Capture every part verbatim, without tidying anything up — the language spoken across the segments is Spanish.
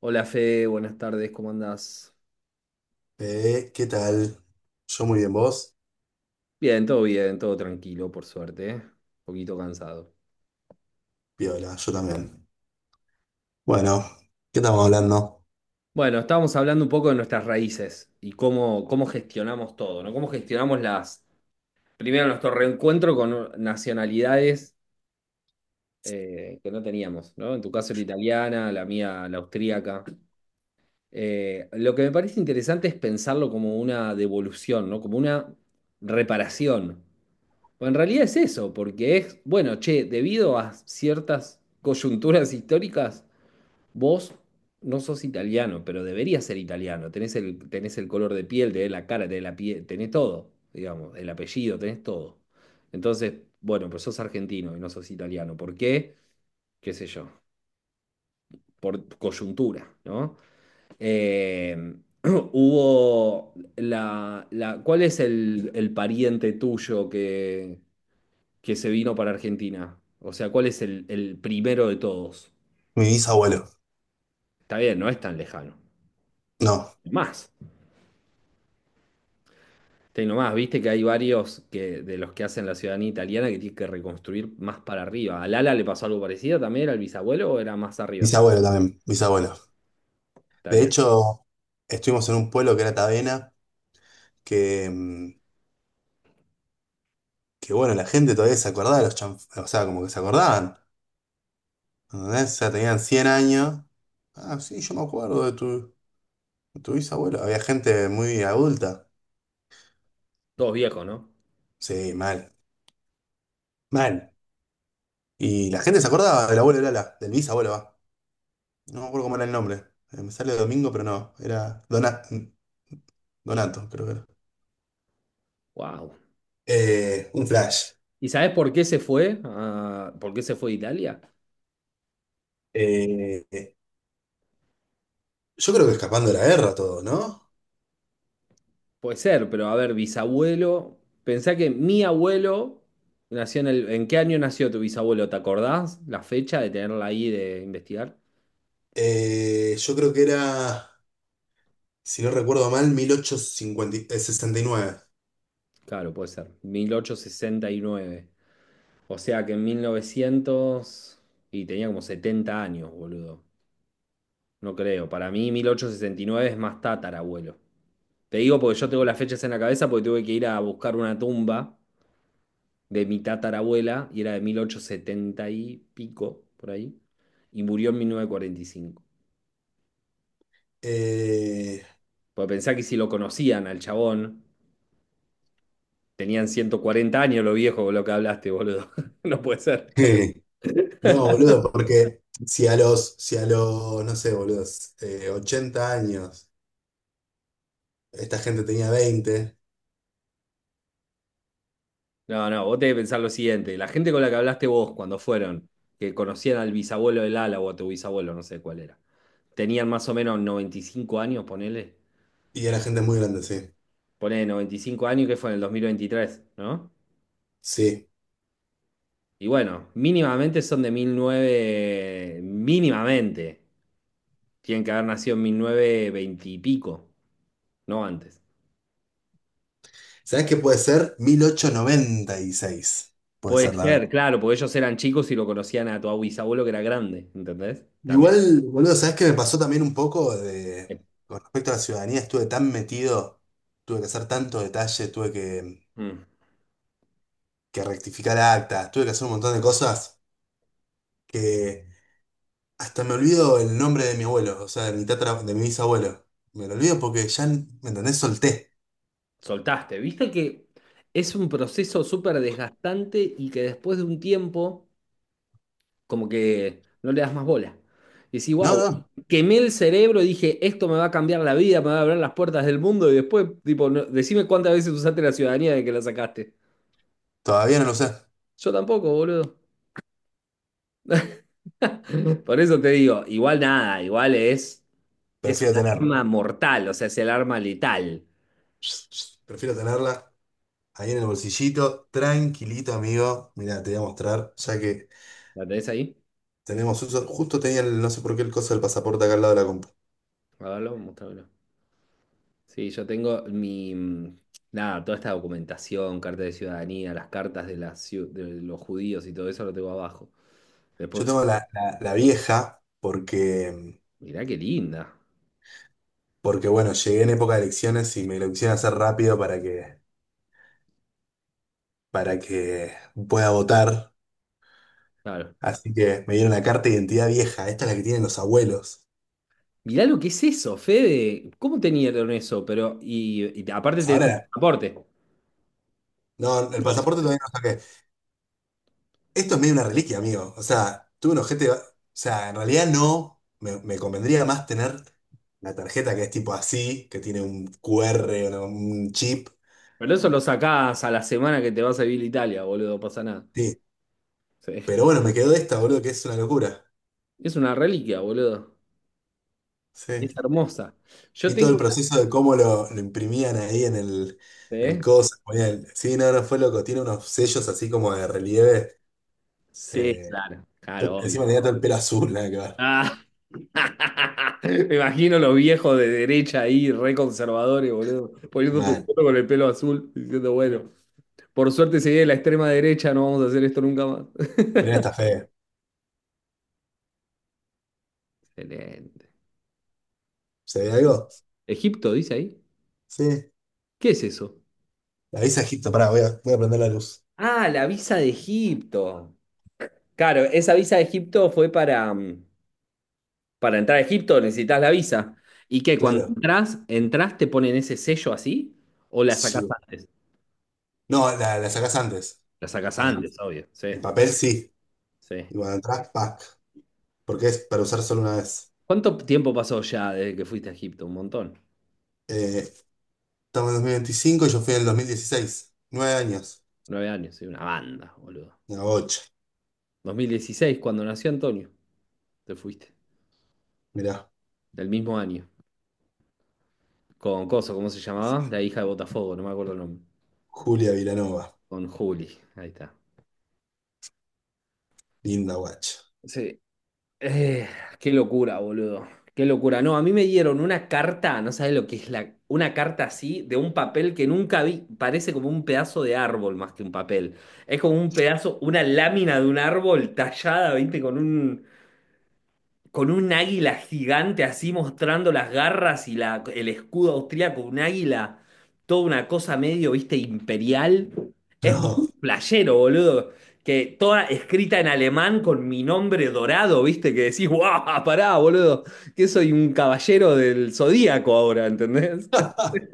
Hola Fe, buenas tardes, ¿cómo andás? Eh, ¿qué tal? Yo muy bien, vos. Bien, todo bien, todo tranquilo, por suerte, ¿eh? Un poquito cansado. Piola, yo también. Bueno, ¿qué estamos hablando? Bueno, estábamos hablando un poco de nuestras raíces y cómo, cómo gestionamos todo, ¿no? Cómo gestionamos las, primero nuestro reencuentro con nacionalidades eh, que no teníamos, ¿no? En tu caso la italiana, la mía la austríaca. Eh, lo que me parece interesante es pensarlo como una devolución, ¿no? Como una reparación. O en realidad es eso, porque es, bueno, che, debido a ciertas coyunturas históricas, vos no sos italiano, pero deberías ser italiano. Tenés el, tenés el color de piel, tenés la cara, tenés la piel, tenés todo, digamos, el apellido, tenés todo. Entonces, bueno, pero sos argentino y no sos italiano. ¿Por qué? ¿Qué sé yo? Por coyuntura, ¿no? Eh, hubo la, la- ¿cuál es el, el pariente tuyo que que se vino para Argentina? O sea, ¿cuál es el, el primero de todos? Mi bisabuelo. Está bien, no es tan lejano. No, Más, tengo más, viste que hay varios que, de los que hacen la ciudadanía italiana que tienen que reconstruir más para arriba. ¿A Lala le pasó algo parecido también? ¿Era el bisabuelo o era más arriba? bisabuelo también, bisabuelo. Está De bien. hecho, estuvimos en un pueblo que era Tavena, que, mm, que bueno, la gente todavía se acordaba de los chanf... o sea, como que se acordaban. ¿Entendés? O sea, tenían cien años. Ah, sí, yo me acuerdo de tu, de tu bisabuelo. Había gente muy adulta. Todos viejos, ¿no? Sí, mal, mal. Y la gente se acordaba del abuelo de Lala, del bisabuelo, va. No me acuerdo cómo era el nombre. Eh, me sale Domingo, pero no. Era Dona- Donato, creo que era. Wow. Eh, un flash. ¿Y sabés por qué se fue? Ah, ¿por qué se fue de Italia? Eh, eh, yo creo que escapando de la guerra todo, ¿no? Puede ser, pero a ver, bisabuelo. Pensá que mi abuelo nació en el. ¿En qué año nació tu bisabuelo? ¿Te acordás? La fecha de tenerla ahí de investigar. Eh, yo creo que era, si no recuerdo mal, mil ochocientos cincuenta y Eh, sesenta y nueve. Claro, puede ser. Mil ochocientos sesenta y nueve, o sea que en mil novecientos y tenía como setenta años, boludo. No creo. Para mí mil ochocientos sesenta y nueve es más tatarabuelo. Te digo porque yo tengo las fechas en la cabeza porque tuve que ir a buscar una tumba de mi tatarabuela y era de mil ochocientos setenta y pico, por ahí. Y murió en mil novecientos cuarenta y cinco. Eh, Porque pensá que si lo conocían al chabón, tenían ciento cuarenta años los viejos, lo que hablaste, boludo. No puede ser. no, boludo, porque si a los, si a los, no sé, boludos, eh, ochenta años, esta gente tenía veinte No, no, vos tenés que pensar lo siguiente. La gente con la que hablaste vos cuando fueron, que conocían al bisabuelo del ala o a tu bisabuelo, no sé cuál era, tenían más o menos noventa y cinco años, ponele. y era gente muy grande, sí. Ponele noventa y cinco años que fue en el dos mil veintitrés, ¿no? Sí. Y bueno, mínimamente son de mil novecientos, mínimamente. Tienen que haber nacido en mil novecientos veinte y pico, no antes. ¿Sabes qué puede ser? Mil ochocientos noventa y seis. Puede Puede ser, la ser. verdad. Ser, claro, porque ellos eran chicos y lo conocían a tu bisabuelo que era grande, ¿entendés? También. Igual, boludo, ¿sabes qué me pasó también un poco de, con respecto a la ciudadanía? Estuve tan metido, tuve que hacer tanto detalle, tuve que, Mm, que rectificar actas, tuve que hacer un montón de cosas que hasta me olvido el nombre de mi abuelo, o sea, de mi tatra, de mi bisabuelo. Me lo olvido porque ya, ¿me entendés? Solté. soltaste. Viste que es un proceso súper desgastante y que después de un tiempo, como que no le das más bola. Y decís, No, wow, no, quemé el cerebro y dije, esto me va a cambiar la vida, me va a abrir las puertas del mundo. Y después, tipo, no- decime cuántas veces usaste la ciudadanía de que la sacaste. todavía no lo sé. Yo tampoco, boludo. Por eso te digo, igual nada, igual es, es un Prefiero tenerlo. arma mortal, o sea, es el arma letal. Prefiero tenerla. Ahí en el bolsillito, tranquilito, amigo. Mira, te voy a mostrar, ya que ¿La tenés ahí? tenemos uso. Justo tenía, el- no sé por qué, el coso del pasaporte acá al lado de la compu. A verlo, mostrámelo. Sí, yo tengo mi, mm, nada, toda esta documentación, carta de ciudadanía, las cartas de, las, ciu- de los judíos y todo eso lo tengo abajo. Yo Después, tengo la, la- la vieja, porque, mirá qué linda. porque bueno, llegué en época de elecciones y me lo quisieron hacer rápido para que, para que pueda votar. Claro. Así que me dieron la carta de identidad vieja. Esta es la que tienen los abuelos. Mirá lo que es eso, Fede. ¿Cómo tenían eso? Pero, y, y aparte tenés el Ahora, pasaporte. no, el pasaporte todavía no saqué. Esto es medio una reliquia, amigo. O sea, tuve un ojete. O sea, en realidad no. Me, me convendría más tener la tarjeta que es tipo así, que tiene un Q R, una- un chip. Pero eso lo sacás a la semana que te vas a vivir a Italia, boludo, no pasa nada. Sí. Sí. Pero bueno, me quedó esta, boludo, que es una locura. Es una reliquia, boludo. Sí. Es hermosa. Yo Vi todo tengo el una, proceso de cómo lo, lo imprimían ahí en el, en ¿eh? el coso. Ponían- sí, no, no fue loco. Tiene unos sellos así como de relieve. Sí, Eh, claro, yo claro, encima obvio. tenía todo el pelo azul, nada que ver. Ah. Me imagino los viejos de derecha ahí, re conservadores, boludo, poniendo tu Man, foto con el pelo azul, diciendo, bueno, por suerte se viene la extrema derecha, no vamos a hacer esto nunca más. mirá esta fe. Excelente. ¿Se ve algo? ¿Egipto dice ahí? Sí. ¿Qué es eso? Avisa, Egipto, pará, voy a, voy a prender la luz. Ah, la visa de Egipto. Claro, esa visa de Egipto fue para, mm, para entrar a Egipto, necesitas la visa. ¿Y qué? Cuando Claro, entras, entras, te ponen ese sello así o la sacás sí. antes? No, la, la sacás antes. La sacás A la- antes, obvio. Sí, el papel sí. sí. Y cuando atrás, pack. Porque es para usar solo una vez. ¿Cuánto tiempo pasó ya desde que fuiste a Egipto? Un montón. Eh, estamos en dos mil veinticinco y yo fui en el dos mil dieciséis. Nueve años. Nueve años, soy una banda, boludo. Una bocha. dos mil dieciséis, cuando nació Antonio, te fuiste. Mirá, Del mismo año. Con Coso, ¿cómo se llamaba? La hija de Botafogo, no me acuerdo el nombre. Julia Vilanova. Con Juli, ahí está. Linda guacha. Sí. Eh, qué locura, boludo. Qué locura. No, a mí me dieron una carta, no sabes lo que es la, una carta así, de un papel que nunca vi. Parece como un pedazo de árbol más que un papel. Es como un pedazo, una lámina de un árbol tallada, ¿viste? Con un, con un águila gigante así mostrando las garras y la, el escudo austríaco, un águila, toda una cosa medio, viste, imperial. Es No. muy playero, boludo. Que toda escrita en alemán con mi nombre dorado, viste, que decís, guau, pará, boludo, que soy un caballero del zodíaco ahora, ¿entendés?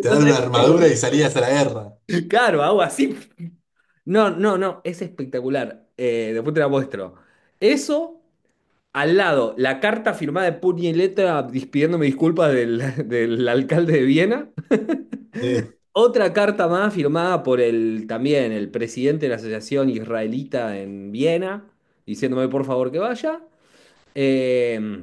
Te dan sabés una lo que es, armadura boludo. y salías a la guerra. Claro, hago así. No, no, no, es espectacular. Eh, después te la muestro. Eso. Al lado, la carta firmada de puño y letra dis- pidiéndome disculpas del, del alcalde de Viena. Sí. Otra carta más firmada por el también el presidente de la asociación israelita en Viena, diciéndome por favor que vaya. Eh,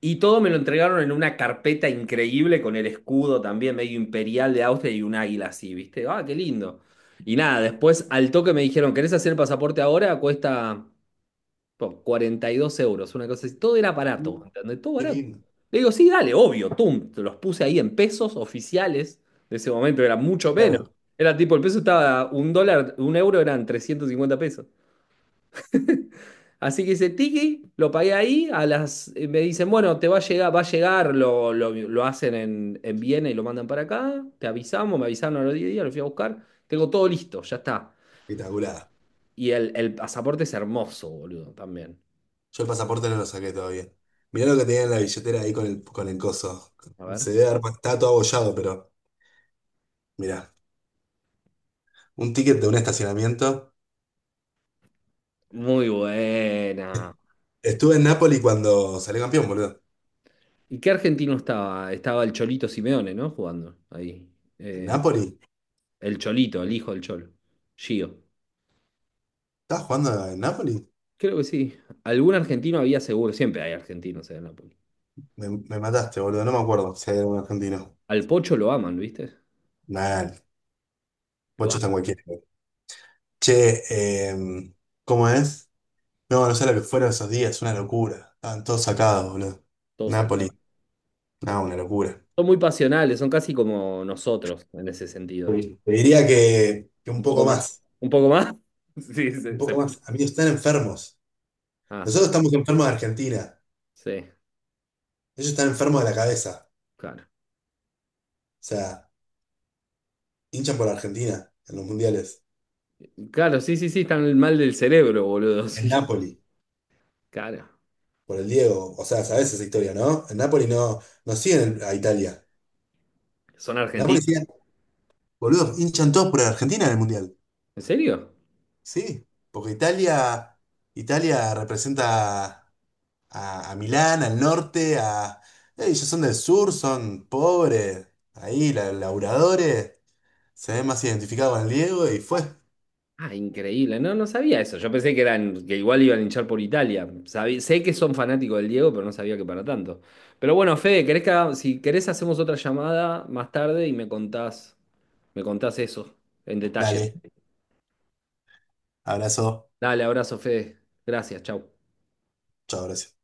y todo me lo entregaron en una carpeta increíble con el escudo también medio imperial de Austria y un águila así, ¿viste? Ah, qué lindo. Y nada, después al toque me dijeron, ¿querés hacer el pasaporte ahora? Cuesta por cuarenta y dos euros, una cosa así. Todo era barato, ¿entendés? Todo Qué barato. lindo. Le digo, sí, dale, obvio, tum. Te los puse ahí en pesos oficiales. De ese momento era mucho menos. Claro, Era tipo, el peso estaba un dólar, un euro eran trescientos cincuenta pesos. Así que ese tiki lo pagué ahí. A las, eh, me dicen, bueno, te va a llegar, va a llegar, lo, lo- lo hacen en, en Viena y lo mandan para acá. Te avisamos, me avisaron a los diez días, lo fui a buscar. Tengo todo listo, ya está. espectacular. Y el, el pasaporte es hermoso, boludo, también. Yo el pasaporte no lo saqué todavía. Mirá lo que tenía en la billetera ahí con el, con el coso. A ver. Se debe haber, está todo abollado, pero mirá. Un ticket de un estacionamiento. Muy buena. Estuve en Napoli cuando salió campeón, boludo. ¿Y qué argentino estaba? Estaba el Cholito Simeone, ¿no? Jugando ahí. ¿En Eh, Napoli? el Cholito, el hijo del Cholo. Gio. ¿Estabas jugando en Napoli? Creo que sí. Algún argentino había seguro. Siempre hay argentinos en Napoli. Me, me mataste, boludo. No me acuerdo si hay algún argentino. Al Pocho lo aman, ¿viste? Nah, Lo bocho está en aman. cualquiera. Che, eh, ¿cómo es? No, no sé lo que fueron esos días, una locura. Estaban todos sacados, boludo. Todos acá. Napoli, no, una locura. Son muy pasionales, son casi como nosotros en ese sentido. Sí. Te diría que, que Un un poco poco más. más, Un poco más. Sí, un se, se poco puede. más. Amigos, están enfermos. Ah, son. Nosotros estamos enfermos de Argentina. Sí, Ellos están enfermos de la cabeza. O claro. sea, hinchan por Argentina en los mundiales, Claro, sí, sí, sí, están mal del cerebro, boludo. en Sí, Napoli, claro. por el Diego, o sea, sabes esa historia, ¿no? En Napoli no, no siguen el- a Italia. ¿Son En Napoli argentinos? siguen, boludo, hinchan todos por Argentina en el mundial. ¿En serio? Sí, porque Italia, Italia representa a, a Milán, al norte, a. eh, ellos son del sur, son pobres, ahí, la- laburadores, se ven más identificados con el Diego y fue. Ah, increíble. No, no sabía eso. Yo pensé que eran, que igual iban a hinchar por Italia. Sabí- sé que son fanáticos del Diego, pero no sabía que para tanto. Pero bueno, Fede, ¿querés que haga- si querés hacemos otra llamada más tarde y me contás, me contás eso en detalle. Dale, abrazo, Dale, abrazo, Fede. Gracias, chau. chao, gracias.